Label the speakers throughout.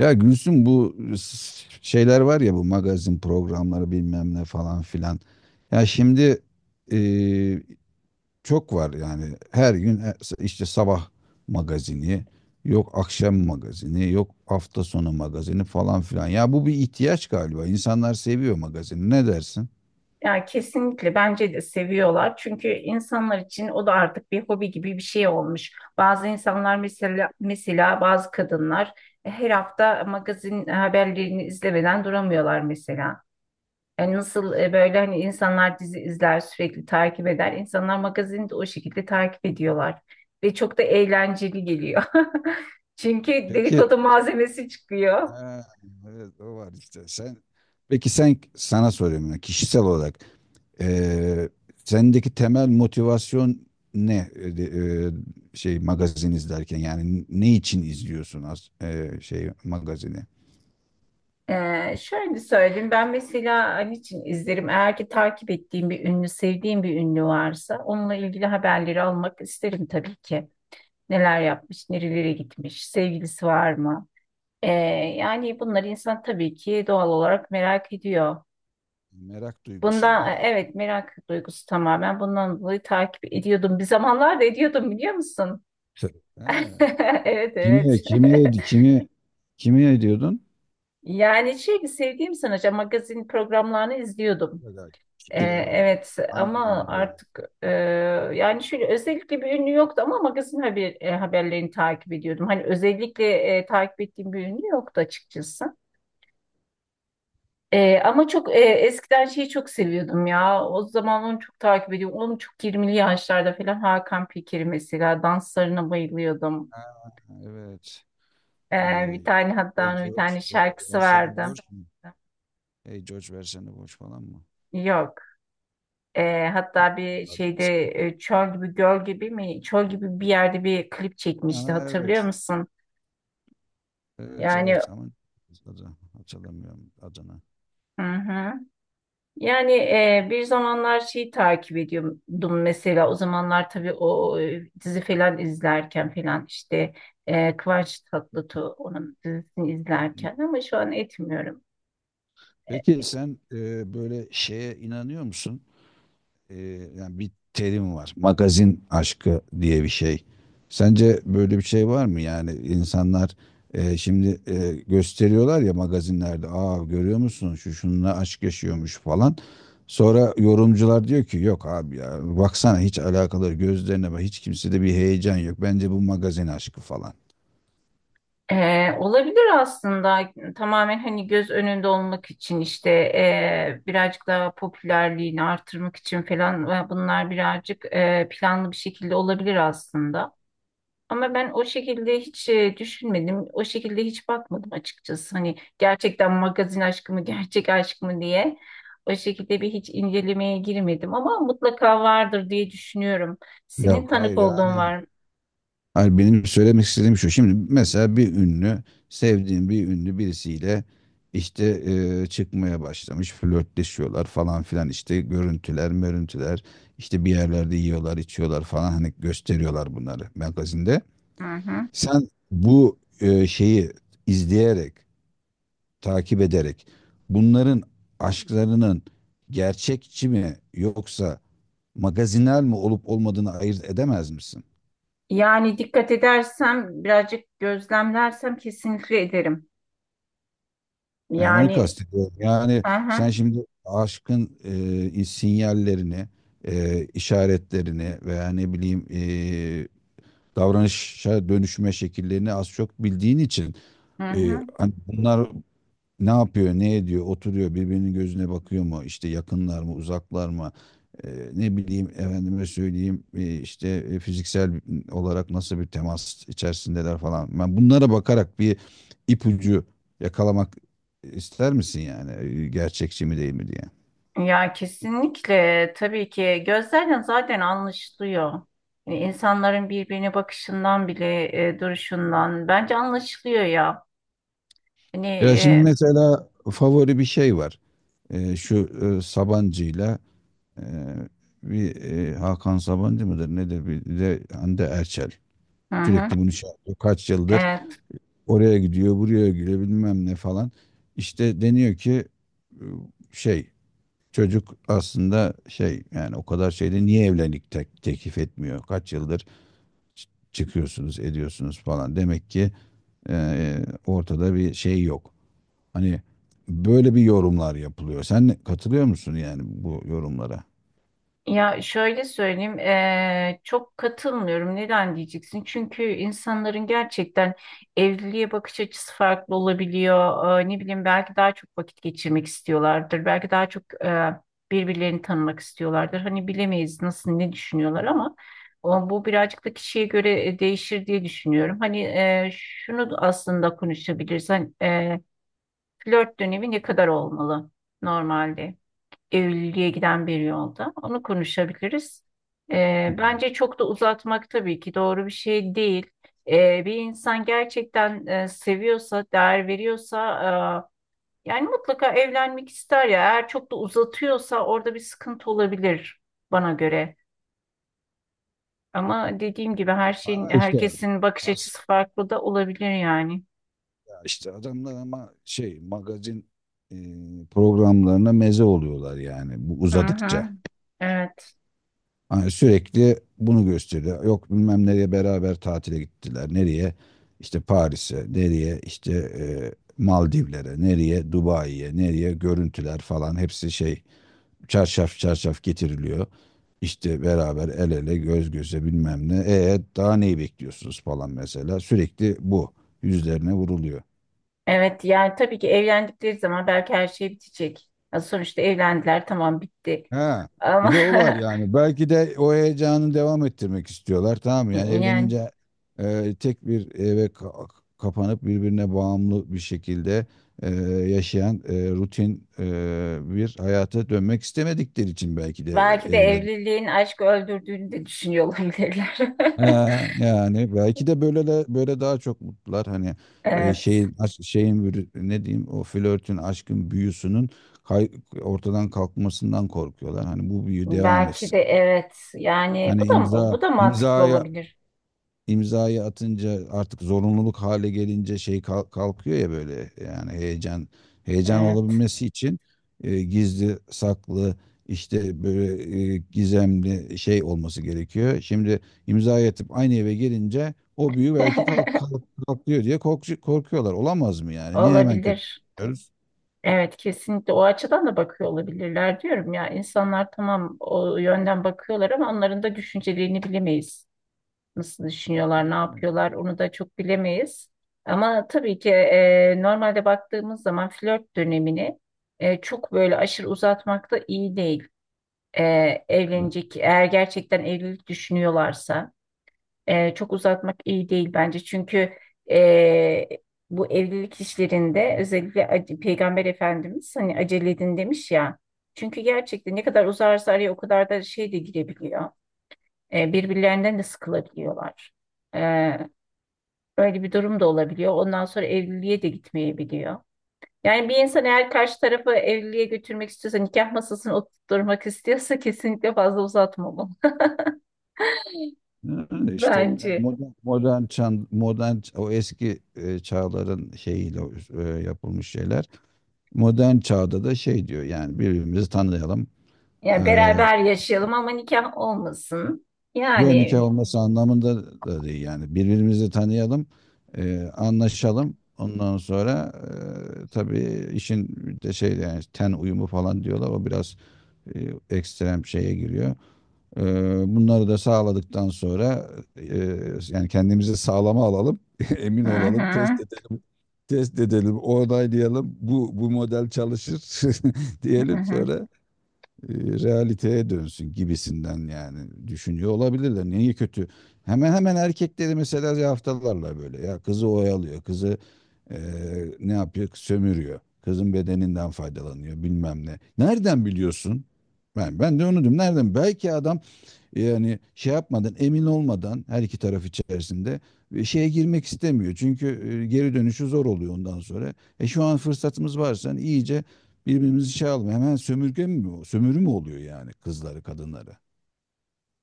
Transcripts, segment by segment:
Speaker 1: Ya Gülsüm bu şeyler var ya, bu magazin programları bilmem ne falan filan. Ya şimdi e, çok var yani, her gün işte sabah magazini, yok akşam magazini, yok hafta sonu magazini falan filan. Ya bu bir ihtiyaç galiba. İnsanlar seviyor magazini. Ne dersin?
Speaker 2: Yani kesinlikle bence de seviyorlar. Çünkü insanlar için o da artık bir hobi gibi bir şey olmuş. Bazı insanlar mesela bazı kadınlar her hafta magazin haberlerini izlemeden duramıyorlar mesela. Yani nasıl böyle hani insanlar dizi izler, sürekli takip eder. İnsanlar magazini de o şekilde takip ediyorlar ve çok da eğlenceli geliyor. Çünkü
Speaker 1: Peki.
Speaker 2: dedikodu malzemesi çıkıyor.
Speaker 1: Ha, evet, o var işte. Peki sen, sana soruyorum ya kişisel olarak, eee, sendeki temel motivasyon ne, şey, magazin izlerken yani ne için izliyorsun az şey magazini?
Speaker 2: Şöyle söyleyeyim, ben mesela an için izlerim, eğer ki takip ettiğim bir ünlü, sevdiğim bir ünlü varsa onunla ilgili haberleri almak isterim tabii ki. Neler yapmış, nerelere gitmiş, sevgilisi var mı? Ee, Yani bunları insan tabii ki doğal olarak merak ediyor,
Speaker 1: Merak duygusu
Speaker 2: bundan
Speaker 1: yani.
Speaker 2: evet, merak duygusu, tamamen bundan dolayı takip ediyordum, bir zamanlar da ediyordum, biliyor musun?
Speaker 1: T- Ha.
Speaker 2: evet,
Speaker 1: Kimi,
Speaker 2: evet.
Speaker 1: kimi, kimi, kimi ediyordun?
Speaker 2: Yani şey, sevdiğim sanatçı magazin programlarını izliyordum.
Speaker 1: Kişiler olarak.
Speaker 2: Evet,
Speaker 1: Hangi
Speaker 2: ama
Speaker 1: ünlüleri?
Speaker 2: artık yani şöyle, özellikle bir ünlü yoktu ama magazin haberlerini takip ediyordum. Hani özellikle takip ettiğim bir ünlü yoktu açıkçası. Ama çok eskiden şeyi çok seviyordum ya. O zaman onu çok takip ediyordum. Onun çok 20'li yaşlarda falan, Hakan Peker'i mesela, danslarına bayılıyordum.
Speaker 1: Evet.
Speaker 2: E,
Speaker 1: Ee,
Speaker 2: Bir tane, hatta
Speaker 1: Hey
Speaker 2: onun bir
Speaker 1: George,
Speaker 2: tane şarkısı
Speaker 1: versene
Speaker 2: vardı.
Speaker 1: borç mu? Hey George, versene borç falan mı?
Speaker 2: Yok. Hatta bir
Speaker 1: Adres.
Speaker 2: şeyde çöl gibi, göl gibi mi, çöl gibi bir yerde bir klip çekmişti,
Speaker 1: Ha,
Speaker 2: hatırlıyor
Speaker 1: evet.
Speaker 2: musun?
Speaker 1: Evet,
Speaker 2: Yani,
Speaker 1: evet, ama adı hatırlamıyorum, adını.
Speaker 2: hı hı. Yani bir zamanlar şeyi takip ediyordum, mesela o zamanlar tabii o dizi falan izlerken falan, işte Kıvanç Tatlıtuğ, onun dizisini
Speaker 1: Hı.
Speaker 2: izlerken, ama şu an etmiyorum.
Speaker 1: Peki
Speaker 2: E,
Speaker 1: sen böyle şeye inanıyor musun? e, Yani bir terim var. Magazin aşkı diye bir şey. Sence böyle bir şey var mı? Yani insanlar şimdi gösteriyorlar ya magazinlerde. Aa, görüyor musun, şu şununla aşk yaşıyormuş falan. Sonra yorumcular diyor ki yok abi ya, baksana, hiç alakaları, gözlerine bak, hiç kimsede bir heyecan yok. Bence bu magazin aşkı falan.
Speaker 2: Olabilir aslında, tamamen hani göz önünde olmak için, işte birazcık daha popülerliğini artırmak için falan, ve bunlar birazcık planlı bir şekilde olabilir aslında. Ama ben o şekilde hiç düşünmedim, o şekilde hiç bakmadım açıkçası. Hani gerçekten magazin aşkı mı, gerçek aşk mı diye o şekilde bir hiç incelemeye girmedim, ama mutlaka vardır diye düşünüyorum. Senin
Speaker 1: Yok, hayır,
Speaker 2: tanık olduğun
Speaker 1: yani
Speaker 2: var mı?
Speaker 1: hayır, benim söylemek istediğim şu. Şimdi mesela bir ünlü, sevdiğim bir ünlü birisiyle işte çıkmaya başlamış, flörtleşiyorlar falan filan, işte görüntüler, mörüntüler, işte bir yerlerde yiyorlar, içiyorlar falan, hani gösteriyorlar bunları magazinde.
Speaker 2: Hı hı.
Speaker 1: Sen bu şeyi izleyerek, takip ederek, bunların aşklarının gerçekçi mi yoksa magazinel mi olup olmadığını ayırt edemez misin?
Speaker 2: Yani dikkat edersem, birazcık gözlemlersem kesinlikle ederim.
Speaker 1: Yani onu
Speaker 2: Yani,
Speaker 1: kastediyorum. Yani
Speaker 2: hı
Speaker 1: sen
Speaker 2: hı,
Speaker 1: şimdi aşkın sinyallerini, işaretlerini, veya ne bileyim davranışa dönüşme şekillerini az çok bildiğin için,
Speaker 2: hı hı.
Speaker 1: hani bunlar ne yapıyor, ne ediyor, oturuyor, birbirinin gözüne bakıyor mu, işte yakınlar mı, uzaklar mı? Ne bileyim, efendime söyleyeyim, işte fiziksel olarak nasıl bir temas içerisindeler falan. Ben bunlara bakarak bir ipucu yakalamak ister misin yani, gerçekçi mi değil mi diye.
Speaker 2: Ya kesinlikle, tabii ki gözlerden zaten anlaşılıyor. Yani insanların birbirine bakışından bile, duruşundan bence anlaşılıyor ya. Hani
Speaker 1: Ya şimdi mesela favori bir şey var. Şu Sabancı'yla, eee, bir Hakan Sabancı mıdır nedir, bir de Hande Erçel.
Speaker 2: hı hı.
Speaker 1: Sürekli bunu şey yapıyor. Kaç yıldır
Speaker 2: E,
Speaker 1: oraya gidiyor, buraya gidiyor, bilmem ne falan. İşte deniyor ki e, şey, çocuk aslında şey, yani o kadar şeyde niye evlilik teklif etmiyor? Kaç yıldır çıkıyorsunuz, ediyorsunuz falan. Demek ki ortada bir şey yok. Hani böyle bir yorumlar yapılıyor. Sen katılıyor musun yani bu yorumlara?
Speaker 2: Ya şöyle söyleyeyim, çok katılmıyorum. Neden diyeceksin? Çünkü insanların gerçekten evliliğe bakış açısı farklı olabiliyor. Ne bileyim, belki daha çok vakit geçirmek istiyorlardır. Belki daha çok birbirlerini tanımak istiyorlardır. Hani bilemeyiz, nasıl, ne düşünüyorlar, ama o, bu birazcık da kişiye göre değişir diye düşünüyorum. Hani şunu aslında konuşabilirsen, flört dönemi ne kadar olmalı normalde, evliliğe giden bir yolda? Onu konuşabiliriz.
Speaker 1: Hmm.
Speaker 2: Bence çok da uzatmak tabii ki doğru bir şey değil. Bir insan gerçekten seviyorsa, değer veriyorsa, yani mutlaka evlenmek ister ya. Eğer çok da uzatıyorsa, orada bir sıkıntı olabilir bana göre. Ama dediğim gibi, her şeyin,
Speaker 1: Ama işte
Speaker 2: herkesin bakış
Speaker 1: aslında,
Speaker 2: açısı farklı da olabilir yani.
Speaker 1: işte adamlar ama şey, magazin e, programlarına meze oluyorlar yani, bu
Speaker 2: Hı
Speaker 1: uzadıkça.
Speaker 2: hı, evet.
Speaker 1: Hani sürekli bunu gösteriyor. Yok, bilmem nereye beraber tatile gittiler. Nereye? İşte Paris'e. Nereye? İşte e, Maldivlere. Nereye? Dubai'ye. Nereye? Görüntüler falan, hepsi şey, çarşaf çarşaf getiriliyor. İşte beraber el ele, göz göze, bilmem ne. Daha neyi bekliyorsunuz falan mesela. Sürekli bu yüzlerine vuruluyor.
Speaker 2: Evet, yani tabii ki evlendikleri zaman belki her şey bitecek. Ya sonuçta evlendiler, tamam, bitti.
Speaker 1: Ha,
Speaker 2: Ama
Speaker 1: bir de o var yani. Belki de o heyecanı devam ettirmek istiyorlar. Tamam mı? Yani
Speaker 2: yani
Speaker 1: evlenince tek bir eve kapanıp, birbirine bağımlı bir şekilde e, yaşayan, rutin bir hayata dönmek istemedikleri için belki de
Speaker 2: belki de
Speaker 1: evlen.
Speaker 2: evliliğin aşkı öldürdüğünü de düşünüyor olabilirler.
Speaker 1: Ha, yani belki de böyle daha çok mutlular. Hani
Speaker 2: Evet.
Speaker 1: ne diyeyim, o flörtün, aşkın büyüsünün kay- ortadan kalkmasından korkuyorlar. Hani bu büyü devam
Speaker 2: Belki
Speaker 1: etsin.
Speaker 2: de, evet. Yani
Speaker 1: Hani
Speaker 2: bu da bu da mantıklı olabilir.
Speaker 1: imzayı atınca, artık zorunluluk hale gelince şey kalkıyor ya böyle, yani heyecan
Speaker 2: Evet.
Speaker 1: olabilmesi için gizli saklı, işte böyle gizemli şey olması gerekiyor. Şimdi imzayı atıp aynı eve gelince o büyü belki kalkıyor diye korkuyorlar. Olamaz mı yani? Niye hemen kötü
Speaker 2: Olabilir.
Speaker 1: diyoruz?
Speaker 2: Evet, kesinlikle o açıdan da bakıyor olabilirler diyorum ya. İnsanlar tamam o yönden bakıyorlar, ama onların da düşüncelerini bilemeyiz. Nasıl düşünüyorlar, ne yapıyorlar,
Speaker 1: Bilemedim.
Speaker 2: onu da çok bilemeyiz. Ama tabii ki normalde baktığımız zaman flört dönemini çok böyle aşırı uzatmak da iyi değil. E, Evlenecek, eğer gerçekten evlilik düşünüyorlarsa çok uzatmak iyi değil bence. Çünkü e, bu evlilik işlerinde özellikle Peygamber Efendimiz hani acele edin demiş ya. Çünkü gerçekten ne kadar uzarsa araya o kadar da şey de girebiliyor. Birbirlerinden de sıkılabiliyorlar. E, Öyle bir durum da olabiliyor. Ondan sonra evliliğe de gitmeyebiliyor. Yani bir insan eğer karşı tarafı evliliğe götürmek istiyorsa, nikah masasını oturtmak istiyorsa kesinlikle fazla uzatmamalı.
Speaker 1: Yani işte yani,
Speaker 2: Bence.
Speaker 1: modern o eski çağların şeyiyle yapılmış şeyler. Modern çağda da şey diyor, yani birbirimizi tanıyalım. Ee,
Speaker 2: Yani beraber yaşayalım ama nikah olmasın.
Speaker 1: Yo, nikah
Speaker 2: Yani,
Speaker 1: olması anlamında da değil, yani birbirimizi tanıyalım, anlaşalım. Ondan sonra tabii, işin bir de şey yani ten uyumu falan diyorlar. O biraz e, ekstrem şeye giriyor. Ee, Bunları da sağladıktan sonra, e, yani kendimizi sağlama alalım, emin
Speaker 2: hı
Speaker 1: olalım,
Speaker 2: hı,
Speaker 1: test edelim, onaylayalım. Bu model çalışır
Speaker 2: hı
Speaker 1: diyelim,
Speaker 2: hı.
Speaker 1: sonra realiteye dönsün gibisinden, yani düşünüyor olabilirler. Niye kötü? Hemen hemen erkekleri mesela yaftalarla, böyle ya, kızı oyalıyor, kızı e, ne yapıyor, sömürüyor, kızın bedeninden faydalanıyor bilmem ne. Nereden biliyorsun? Ben de onu diyorum. Nereden? Belki adam, yani şey yapmadan, emin olmadan, her iki taraf içerisinde şeye girmek istemiyor. Çünkü geri dönüşü zor oluyor ondan sonra. Şu an fırsatımız varsa, hani iyice birbirimizi şey alalım. Hemen sömürge mi o, sömürü mü oluyor yani, kızları, kadınları?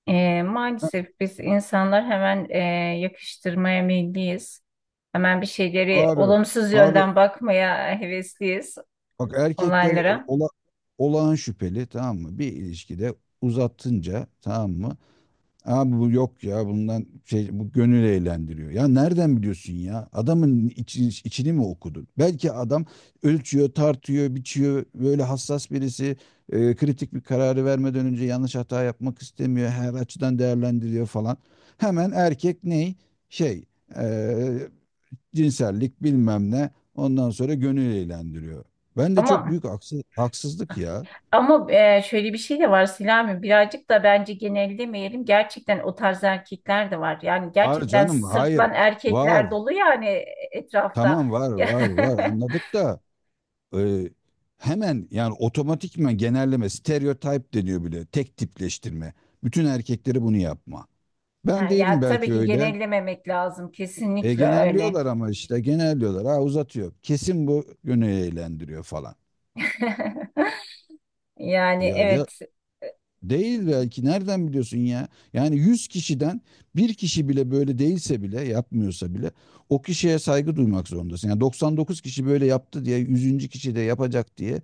Speaker 1: Ha.
Speaker 2: Maalesef biz insanlar hemen yakıştırmaya meyilliyiz. Hemen bir şeyleri
Speaker 1: Abi,
Speaker 2: olumsuz
Speaker 1: abi,
Speaker 2: yönden bakmaya hevesliyiz
Speaker 1: bak, erkekler
Speaker 2: olaylara.
Speaker 1: ola, olağan şüpheli, tamam mı? Bir ilişkide uzatınca, tamam mı? Abi bu yok ya, bundan şey, bu gönül eğlendiriyor. Ya nereden biliyorsun ya? Adamın içini mi okudun? Belki adam ölçüyor, tartıyor, biçiyor. Böyle hassas birisi kritik bir kararı vermeden önce yanlış hata yapmak istemiyor, her açıdan değerlendiriyor falan. Hemen erkek ney? Şey, e, cinsellik, bilmem ne. Ondan sonra gönül eğlendiriyor. Ben de, çok
Speaker 2: Ama
Speaker 1: büyük haksızlık ya.
Speaker 2: Şöyle bir şey de var Selami, birazcık da bence genellemeyelim, gerçekten o tarz erkekler de var yani,
Speaker 1: Var
Speaker 2: gerçekten
Speaker 1: canım, hayır,
Speaker 2: sırtlan
Speaker 1: var.
Speaker 2: erkekler dolu yani etrafta.
Speaker 1: Tamam, var,
Speaker 2: Ya,
Speaker 1: var, var, anladık da e, hemen yani otomatikman genelleme, stereotip deniyor bile. Tek tipleştirme. Bütün erkekleri bunu yapma. Ben değilim
Speaker 2: ya tabii
Speaker 1: belki
Speaker 2: ki
Speaker 1: öyle.
Speaker 2: genellememek lazım, kesinlikle öyle.
Speaker 1: Genelliyorlar, ama işte genelliyorlar. Ha, uzatıyor, kesin bu yönü eğlendiriyor falan.
Speaker 2: Yani,
Speaker 1: Ya,
Speaker 2: evet.
Speaker 1: değil belki, nereden biliyorsun ya? Yani 100 kişiden bir kişi bile böyle değilse bile, yapmıyorsa bile, o kişiye saygı duymak zorundasın. Yani 99 kişi böyle yaptı diye, yüzüncü kişi de yapacak diye,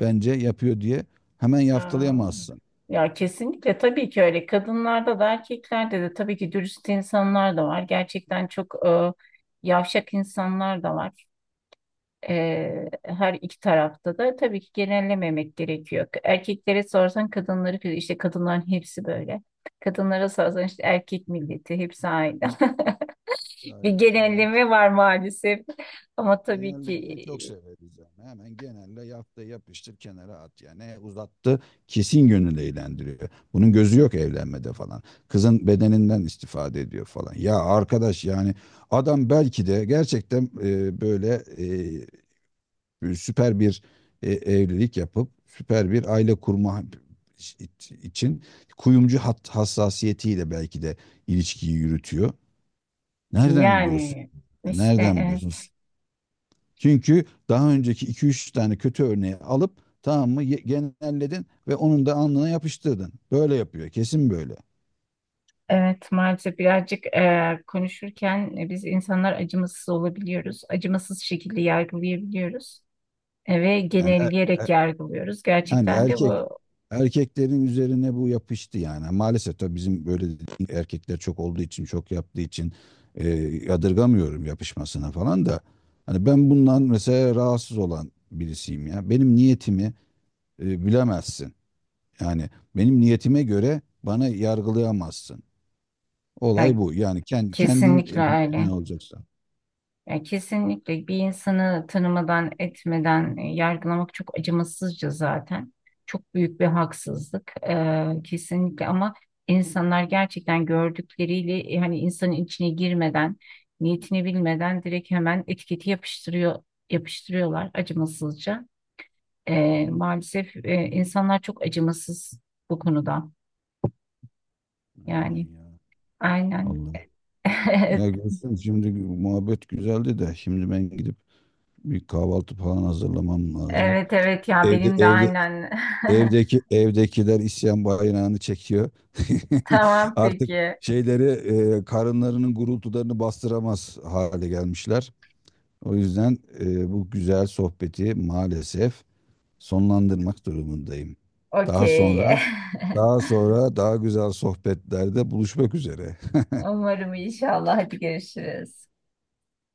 Speaker 1: bence yapıyor diye hemen
Speaker 2: Aa.
Speaker 1: yaftalayamazsın.
Speaker 2: Ya kesinlikle, tabii ki öyle. Kadınlarda da, erkeklerde de tabii ki dürüst insanlar da var. Gerçekten çok yavşak insanlar da var. Her iki tarafta da tabii ki genellememek gerekiyor. Erkeklere sorsan, kadınları, işte kadınların hepsi böyle. Kadınlara sorsan, işte erkek milleti hepsi aynı. Bir
Speaker 1: Aynen, ama
Speaker 2: genelleme
Speaker 1: işte
Speaker 2: var maalesef. Ama tabii ki,
Speaker 1: genellemeyi çok severiz yani. Hemen genelle, yap da yapıştır, kenara at yani. Ne, uzattı, kesin yönünde eğlendiriyor, bunun gözü yok evlenmede falan, kızın bedeninden istifade ediyor falan. Ya arkadaş, yani adam belki de gerçekten böyle süper bir evlilik yapıp süper bir aile kurma için, kuyumcu hassasiyetiyle belki de ilişkiyi yürütüyor. Nereden biliyorsun?
Speaker 2: yani işte,
Speaker 1: Nereden biliyorsun?
Speaker 2: evet.
Speaker 1: Çünkü daha önceki iki üç tane kötü örneği alıp, tamam mı, genelledin ve onun da alnına yapıştırdın. Böyle yapıyor. Kesin böyle.
Speaker 2: Evet, maalesef birazcık konuşurken biz insanlar acımasız olabiliyoruz. Acımasız şekilde yargılayabiliyoruz ve
Speaker 1: Yani e- e-
Speaker 2: genelleyerek yargılıyoruz.
Speaker 1: yani
Speaker 2: Gerçekten de
Speaker 1: erkek
Speaker 2: bu,
Speaker 1: erkeklerin üzerine bu yapıştı yani. Maalesef tabii, bizim böyle dediğim erkekler çok olduğu için, çok yaptığı için, e, yadırgamıyorum yapışmasına falan da. Hani ben bundan mesela rahatsız olan birisiyim ya. Benim niyetimi bilemezsin. Yani benim niyetime göre bana yargılayamazsın. Olay
Speaker 2: yani
Speaker 1: bu. Yani kendi kendin
Speaker 2: kesinlikle
Speaker 1: emin
Speaker 2: öyle.
Speaker 1: olacaksın.
Speaker 2: Yani kesinlikle bir insanı tanımadan, etmeden yargılamak çok acımasızca zaten. Çok büyük bir haksızlık. Kesinlikle, ama insanlar gerçekten gördükleriyle, hani insanın içine girmeden, niyetini bilmeden direkt hemen etiketi yapıştırıyor, yapıştırıyorlar acımasızca. Maalesef insanlar çok acımasız bu konuda.
Speaker 1: Aynen
Speaker 2: Yani,
Speaker 1: ya.
Speaker 2: aynen.
Speaker 1: Allah. Ya Gülsüm, şimdi muhabbet güzeldi de, şimdi ben gidip bir kahvaltı falan hazırlamam lazım.
Speaker 2: Evet, evet, ya
Speaker 1: Evde
Speaker 2: benim de
Speaker 1: evde
Speaker 2: aynen.
Speaker 1: Evdekiler isyan bayrağını çekiyor.
Speaker 2: Tamam,
Speaker 1: Artık
Speaker 2: peki.
Speaker 1: şeyleri, karınlarının gurultularını bastıramaz hale gelmişler. O yüzden bu güzel sohbeti maalesef sonlandırmak durumundayım. Daha
Speaker 2: Okey.
Speaker 1: sonra Daha sonra daha güzel sohbetlerde buluşmak üzere.
Speaker 2: Umarım, inşallah. Hadi, görüşürüz.